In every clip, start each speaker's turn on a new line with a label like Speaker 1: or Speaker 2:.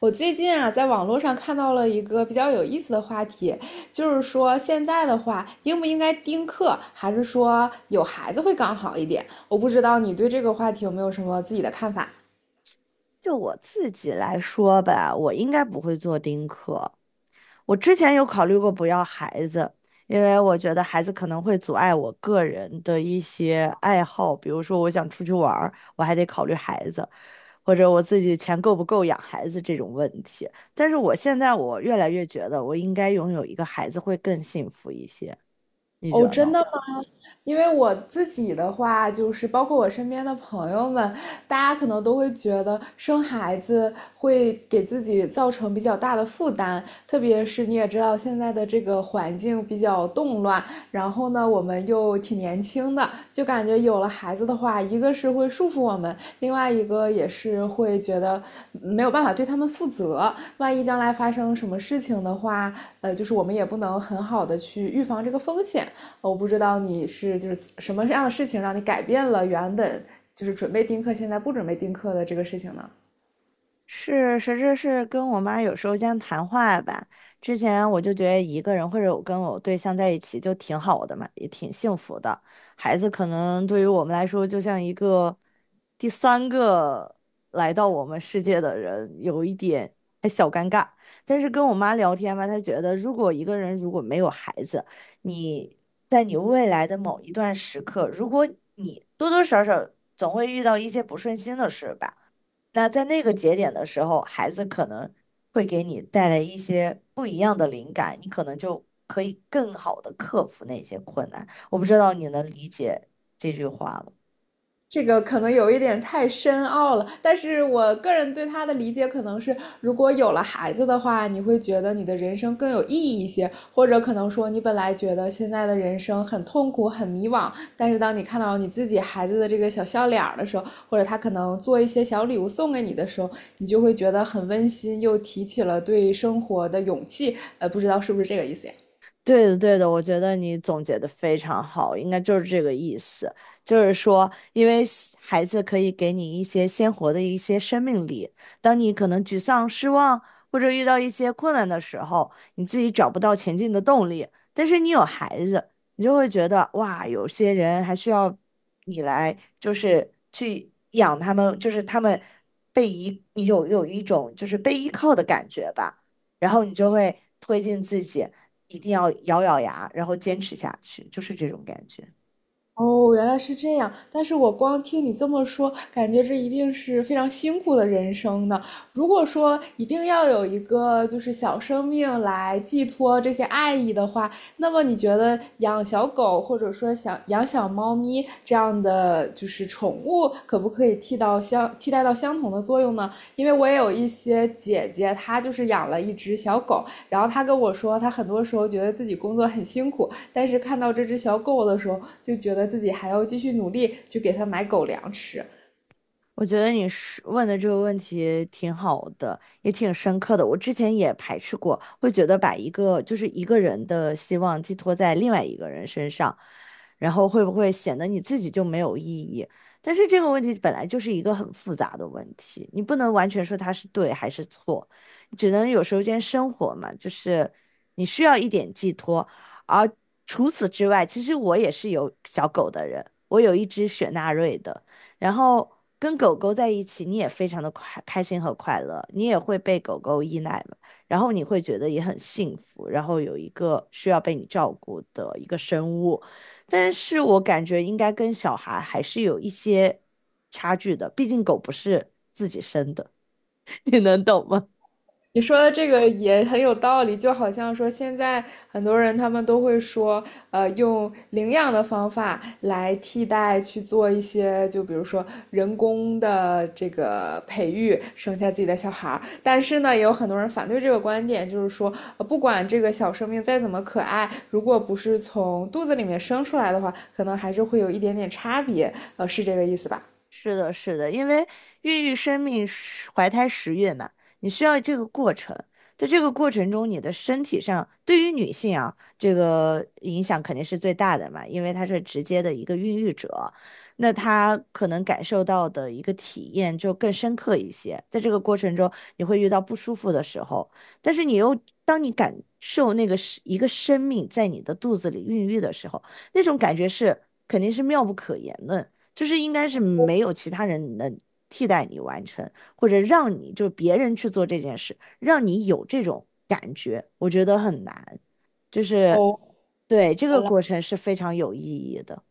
Speaker 1: 我最近啊，在网络上看到了一个比较有意思的话题，就是说现在的话，应不应该丁克，还是说有孩子会更好一点？我不知道你对这个话题有没有什么自己的看法。
Speaker 2: 就我自己来说吧，我应该不会做丁克。我之前有考虑过不要孩子，因为我觉得孩子可能会阻碍我个人的一些爱好，比如说我想出去玩儿，我还得考虑孩子，或者我自己钱够不够养孩子这种问题。但是我现在越来越觉得，我应该拥有一个孩子会更幸福一些。你觉
Speaker 1: 哦，
Speaker 2: 得呢？
Speaker 1: 真的吗？因为我自己的话，就是包括我身边的朋友们，大家可能都会觉得生孩子会给自己造成比较大的负担，特别是你也知道现在的这个环境比较动乱，然后呢，我们又挺年轻的，就感觉有了孩子的话，一个是会束缚我们，另外一个也是会觉得没有办法对他们负责，万一将来发生什么事情的话，就是我们也不能很好的去预防这个风险。我不知道你是就是什么样的事情让你改变了原本就是准备丁克，现在不准备丁克的这个事情呢？
Speaker 2: 是，实质是跟我妈有时候这样谈话吧。之前我就觉得一个人或者我跟我对象在一起就挺好的嘛，也挺幸福的。孩子可能对于我们来说，就像一个第三个来到我们世界的人，有一点。但是跟我妈聊天吧，她觉得如果一个人如果没有孩子，你在你未来的某一段时刻，如果你多多少少总会遇到一些不顺心的事吧。那在那个节点的时候，孩子可能会给你带来一些不一样的灵感，你可能就可以更好的克服那些困难。我不知道你能理解这句话吗？
Speaker 1: 这个可能有一点太深奥了，但是我个人对他的理解可能是，如果有了孩子的话，你会觉得你的人生更有意义一些，或者可能说你本来觉得现在的人生很痛苦、很迷惘，但是当你看到你自己孩子的这个小笑脸的时候，或者他可能做一些小礼物送给你的时候，你就会觉得很温馨，又提起了对生活的勇气。不知道是不是这个意思呀？
Speaker 2: 对的，对的，我觉得你总结的非常好，应该就是这个意思，就是说，因为西孩子可以给你一些鲜活的一些生命力，当你可能沮丧、失望或者遇到一些困难的时候，你自己找不到前进的动力，但是你有孩子，你就会觉得哇，有些人还需要你来，就是去养他们，就是他们有一种就是被依靠的感觉吧。然后你就会推进自己，一定要咬咬牙，然后坚持下去，就是这种感觉。
Speaker 1: 哦，原来是这样。但是我光听你这么说，感觉这一定是非常辛苦的人生呢。如果说一定要有一个就是小生命来寄托这些爱意的话，那么你觉得养小狗或者说想养小猫咪这样的就是宠物，可不可以替代到相同的作用呢？因为我也有一些姐姐，她就是养了一只小狗，然后她跟我说，她很多时候觉得自己工作很辛苦，但是看到这只小狗的时候，就觉得自己还要继续努力去给它买狗粮吃。
Speaker 2: 我觉得你是问的这个问题挺好的，也挺深刻的。我之前也排斥过，会觉得把一个就是一个人的希望寄托在另外一个人身上，然后会不会显得你自己就没有意义？但是这个问题本来就是一个很复杂的问题，你不能完全说它是对还是错，只能有时候间生活嘛，就是你需要一点寄托。而除此之外，其实我也是有小狗的人，我有一只雪纳瑞的。然后跟狗狗在一起，你也非常的快开心和快乐，你也会被狗狗依赖嘛，然后你会觉得也很幸福，然后有一个需要被你照顾的一个生物，但是我感觉应该跟小孩还是有一些差距的，毕竟狗不是自己生的，你能懂吗？
Speaker 1: 你说的这个也很有道理，就好像说现在很多人他们都会说，用领养的方法来替代去做一些，就比如说人工的这个培育，生下自己的小孩儿。但是呢，也有很多人反对这个观点，就是说，不管这个小生命再怎么可爱，如果不是从肚子里面生出来的话，可能还是会有一点点差别。是这个意思吧？
Speaker 2: 是的，是的，因为孕育生命是怀胎十月嘛，你需要这个过程。在这个过程中，你的身体上对于女性啊，这个影响肯定是最大的嘛，因为她是直接的一个孕育者，那她可能感受到的一个体验就更深刻一些。在这个过程中，你会遇到不舒服的时候，但是你又当你感受那个是一个生命在你的肚子里孕育的时候，那种感觉是肯定是妙不可言的。就是应该是没有其他人能替代你完成，或者让你就是别人去做这件事，让你有这种感觉，我觉得很难，就是
Speaker 1: 哦，
Speaker 2: 对这个
Speaker 1: 原来。
Speaker 2: 过程是非常有意义的。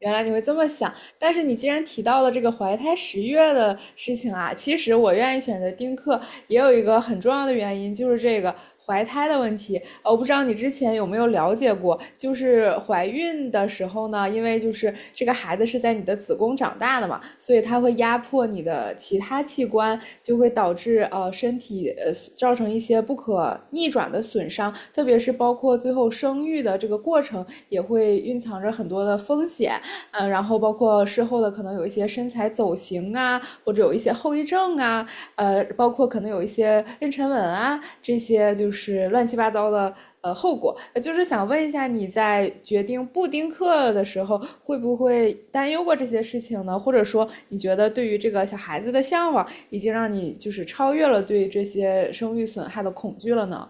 Speaker 1: 原来你会这么想，但是你既然提到了这个怀胎十月的事情啊，其实我愿意选择丁克也有一个很重要的原因，就是这个怀胎的问题。我不知道你之前有没有了解过，就是怀孕的时候呢，因为就是这个孩子是在你的子宫长大的嘛，所以它会压迫你的其他器官，就会导致身体造成一些不可逆转的损伤，特别是包括最后生育的这个过程，也会蕴藏着很多的风险。然后包括事后的可能有一些身材走形啊，或者有一些后遗症啊，包括可能有一些妊娠纹啊，这些就是乱七八糟的后果。就是想问一下，你在决定不丁克的时候，会不会担忧过这些事情呢？或者说，你觉得对于这个小孩子的向往，已经让你就是超越了对这些生育损害的恐惧了呢？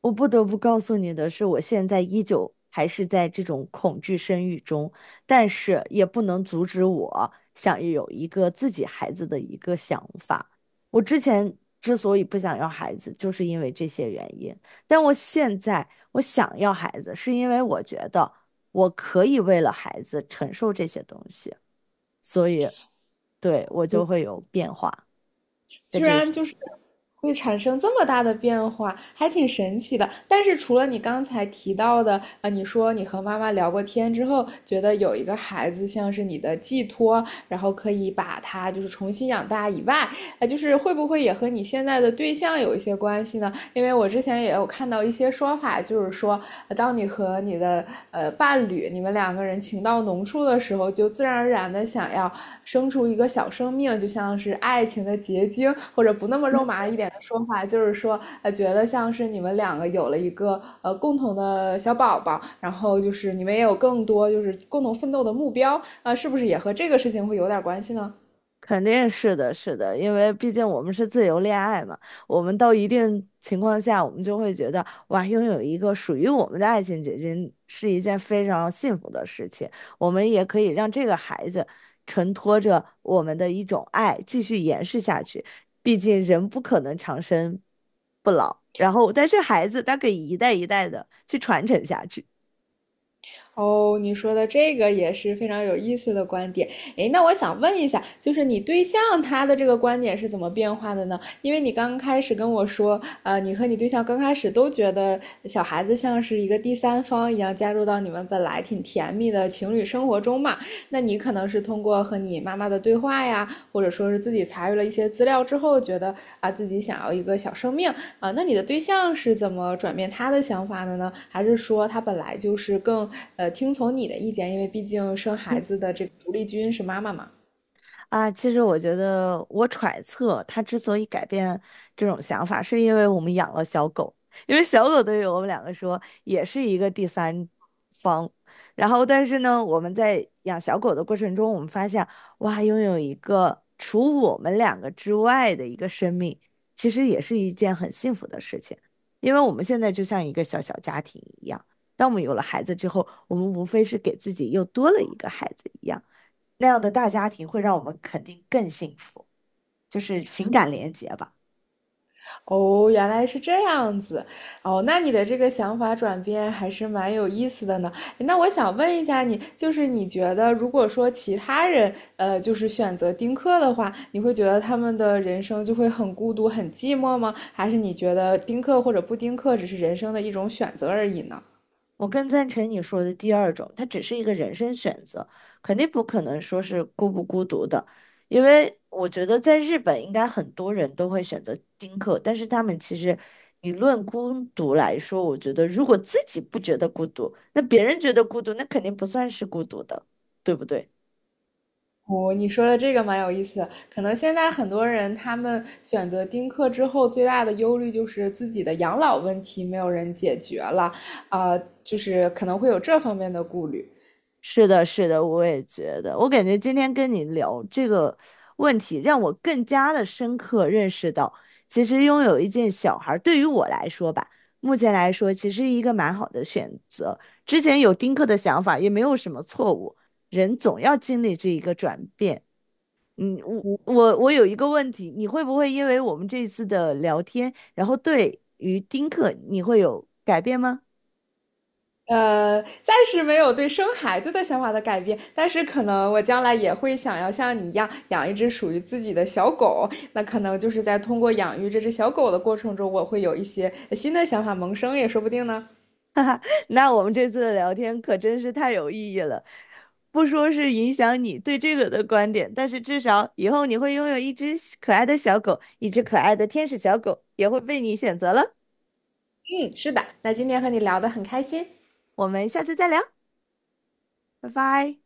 Speaker 2: 我不得不告诉你的是，我现在依旧还是在这种恐惧生育中，但是也不能阻止我想有一个自己孩子的一个想法。我之前之所以不想要孩子，就是因为这些原因。但我现在我想要孩子，是因为我觉得我可以为了孩子承受这些东西，所以对我就会有变化。这在
Speaker 1: 居
Speaker 2: 这个。
Speaker 1: 然就是会产生这么大的变化，还挺神奇的。但是除了你刚才提到的，你说你和妈妈聊过天之后，觉得有一个孩子像是你的寄托，然后可以把他就是重新养大以外，就是会不会也和你现在的对象有一些关系呢？因为我之前也有看到一些说法，就是说，当你和你的伴侣，你们两个人情到浓处的时候，就自然而然的想要生出一个小生命，就像是爱情的结晶，或者不那么肉麻一点的说法，就是说，觉得像是你们两个有了一个共同的小宝宝，然后就是你们也有更多就是共同奋斗的目标，啊、是不是也和这个事情会有点关系呢？
Speaker 2: 肯定是的，是的，因为毕竟我们是自由恋爱嘛，我们到一定情况下，我们就会觉得，哇，拥有一个属于我们的爱情结晶是一件非常幸福的事情。我们也可以让这个孩子承托着我们的一种爱，继续延续下去。毕竟人不可能长生不老，然后但是孩子他可以一代一代的去传承下去。
Speaker 1: 哦，你说的这个也是非常有意思的观点。诶，那我想问一下，就是你对象他的这个观点是怎么变化的呢？因为你刚开始跟我说，你和你对象刚开始都觉得小孩子像是一个第三方一样加入到你们本来挺甜蜜的情侣生活中嘛。那你可能是通过和你妈妈的对话呀，或者说是自己查阅了一些资料之后，觉得啊自己想要一个小生命，啊，那你的对象是怎么转变他的想法的呢？还是说他本来就是更听从你的意见？因为毕竟生孩子的这个主力军是妈妈嘛。
Speaker 2: 啊，其实我觉得，我揣测他之所以改变这种想法，是因为我们养了小狗，因为小狗对于我们两个说也是一个第三方。然后，但是呢，我们在养小狗的过程中，我们发现，哇，拥有一个除我们两个之外的一个生命，其实也是一件很幸福的事情，因为我们现在就像一个小小家庭一样。当我们有了孩子之后，我们无非是给自己又多了一个孩子一样。那样的大家庭会让我们肯定更幸福，就是情感连结吧。
Speaker 1: 哦，原来是这样子。哦，那你的这个想法转变还是蛮有意思的呢。那我想问一下你，就是你觉得如果说其他人就是选择丁克的话，你会觉得他们的人生就会很孤独、很寂寞吗？还是你觉得丁克或者不丁克只是人生的一种选择而已呢？
Speaker 2: 我更赞成你说的第二种，它只是一个人生选择，肯定不可能说是孤不孤独的，因为我觉得在日本应该很多人都会选择丁克，但是他们其实你论孤独来说，我觉得如果自己不觉得孤独，那别人觉得孤独，那肯定不算是孤独的，对不对？
Speaker 1: 哦，你说的这个蛮有意思的。可能现在很多人他们选择丁克之后，最大的忧虑就是自己的养老问题没有人解决了，啊、就是可能会有这方面的顾虑。
Speaker 2: 是的，是的，我也觉得。我感觉今天跟你聊这个问题，让我更加的深刻认识到，其实拥有一件小孩儿，对于我来说吧，目前来说其实一个蛮好的选择。之前有丁克的想法，也没有什么错误。人总要经历这一个转变。嗯，我有一个问题，你会不会因为我们这次的聊天，然后对于丁克你会有改变吗？
Speaker 1: 暂时没有对生孩子的想法的改变，但是可能我将来也会想要像你一样养一只属于自己的小狗。那可能就是在通过养育这只小狗的过程中，我会有一些新的想法萌生，也说不定呢。
Speaker 2: 那我们这次的聊天可真是太有意义了，不说是影响你对这个的观点，但是至少以后你会拥有一只小可爱的小狗，一只可爱的天使小狗也会被你选择了。
Speaker 1: 嗯，是的。那今天和你聊得很开心。
Speaker 2: 我们下次再聊，拜拜。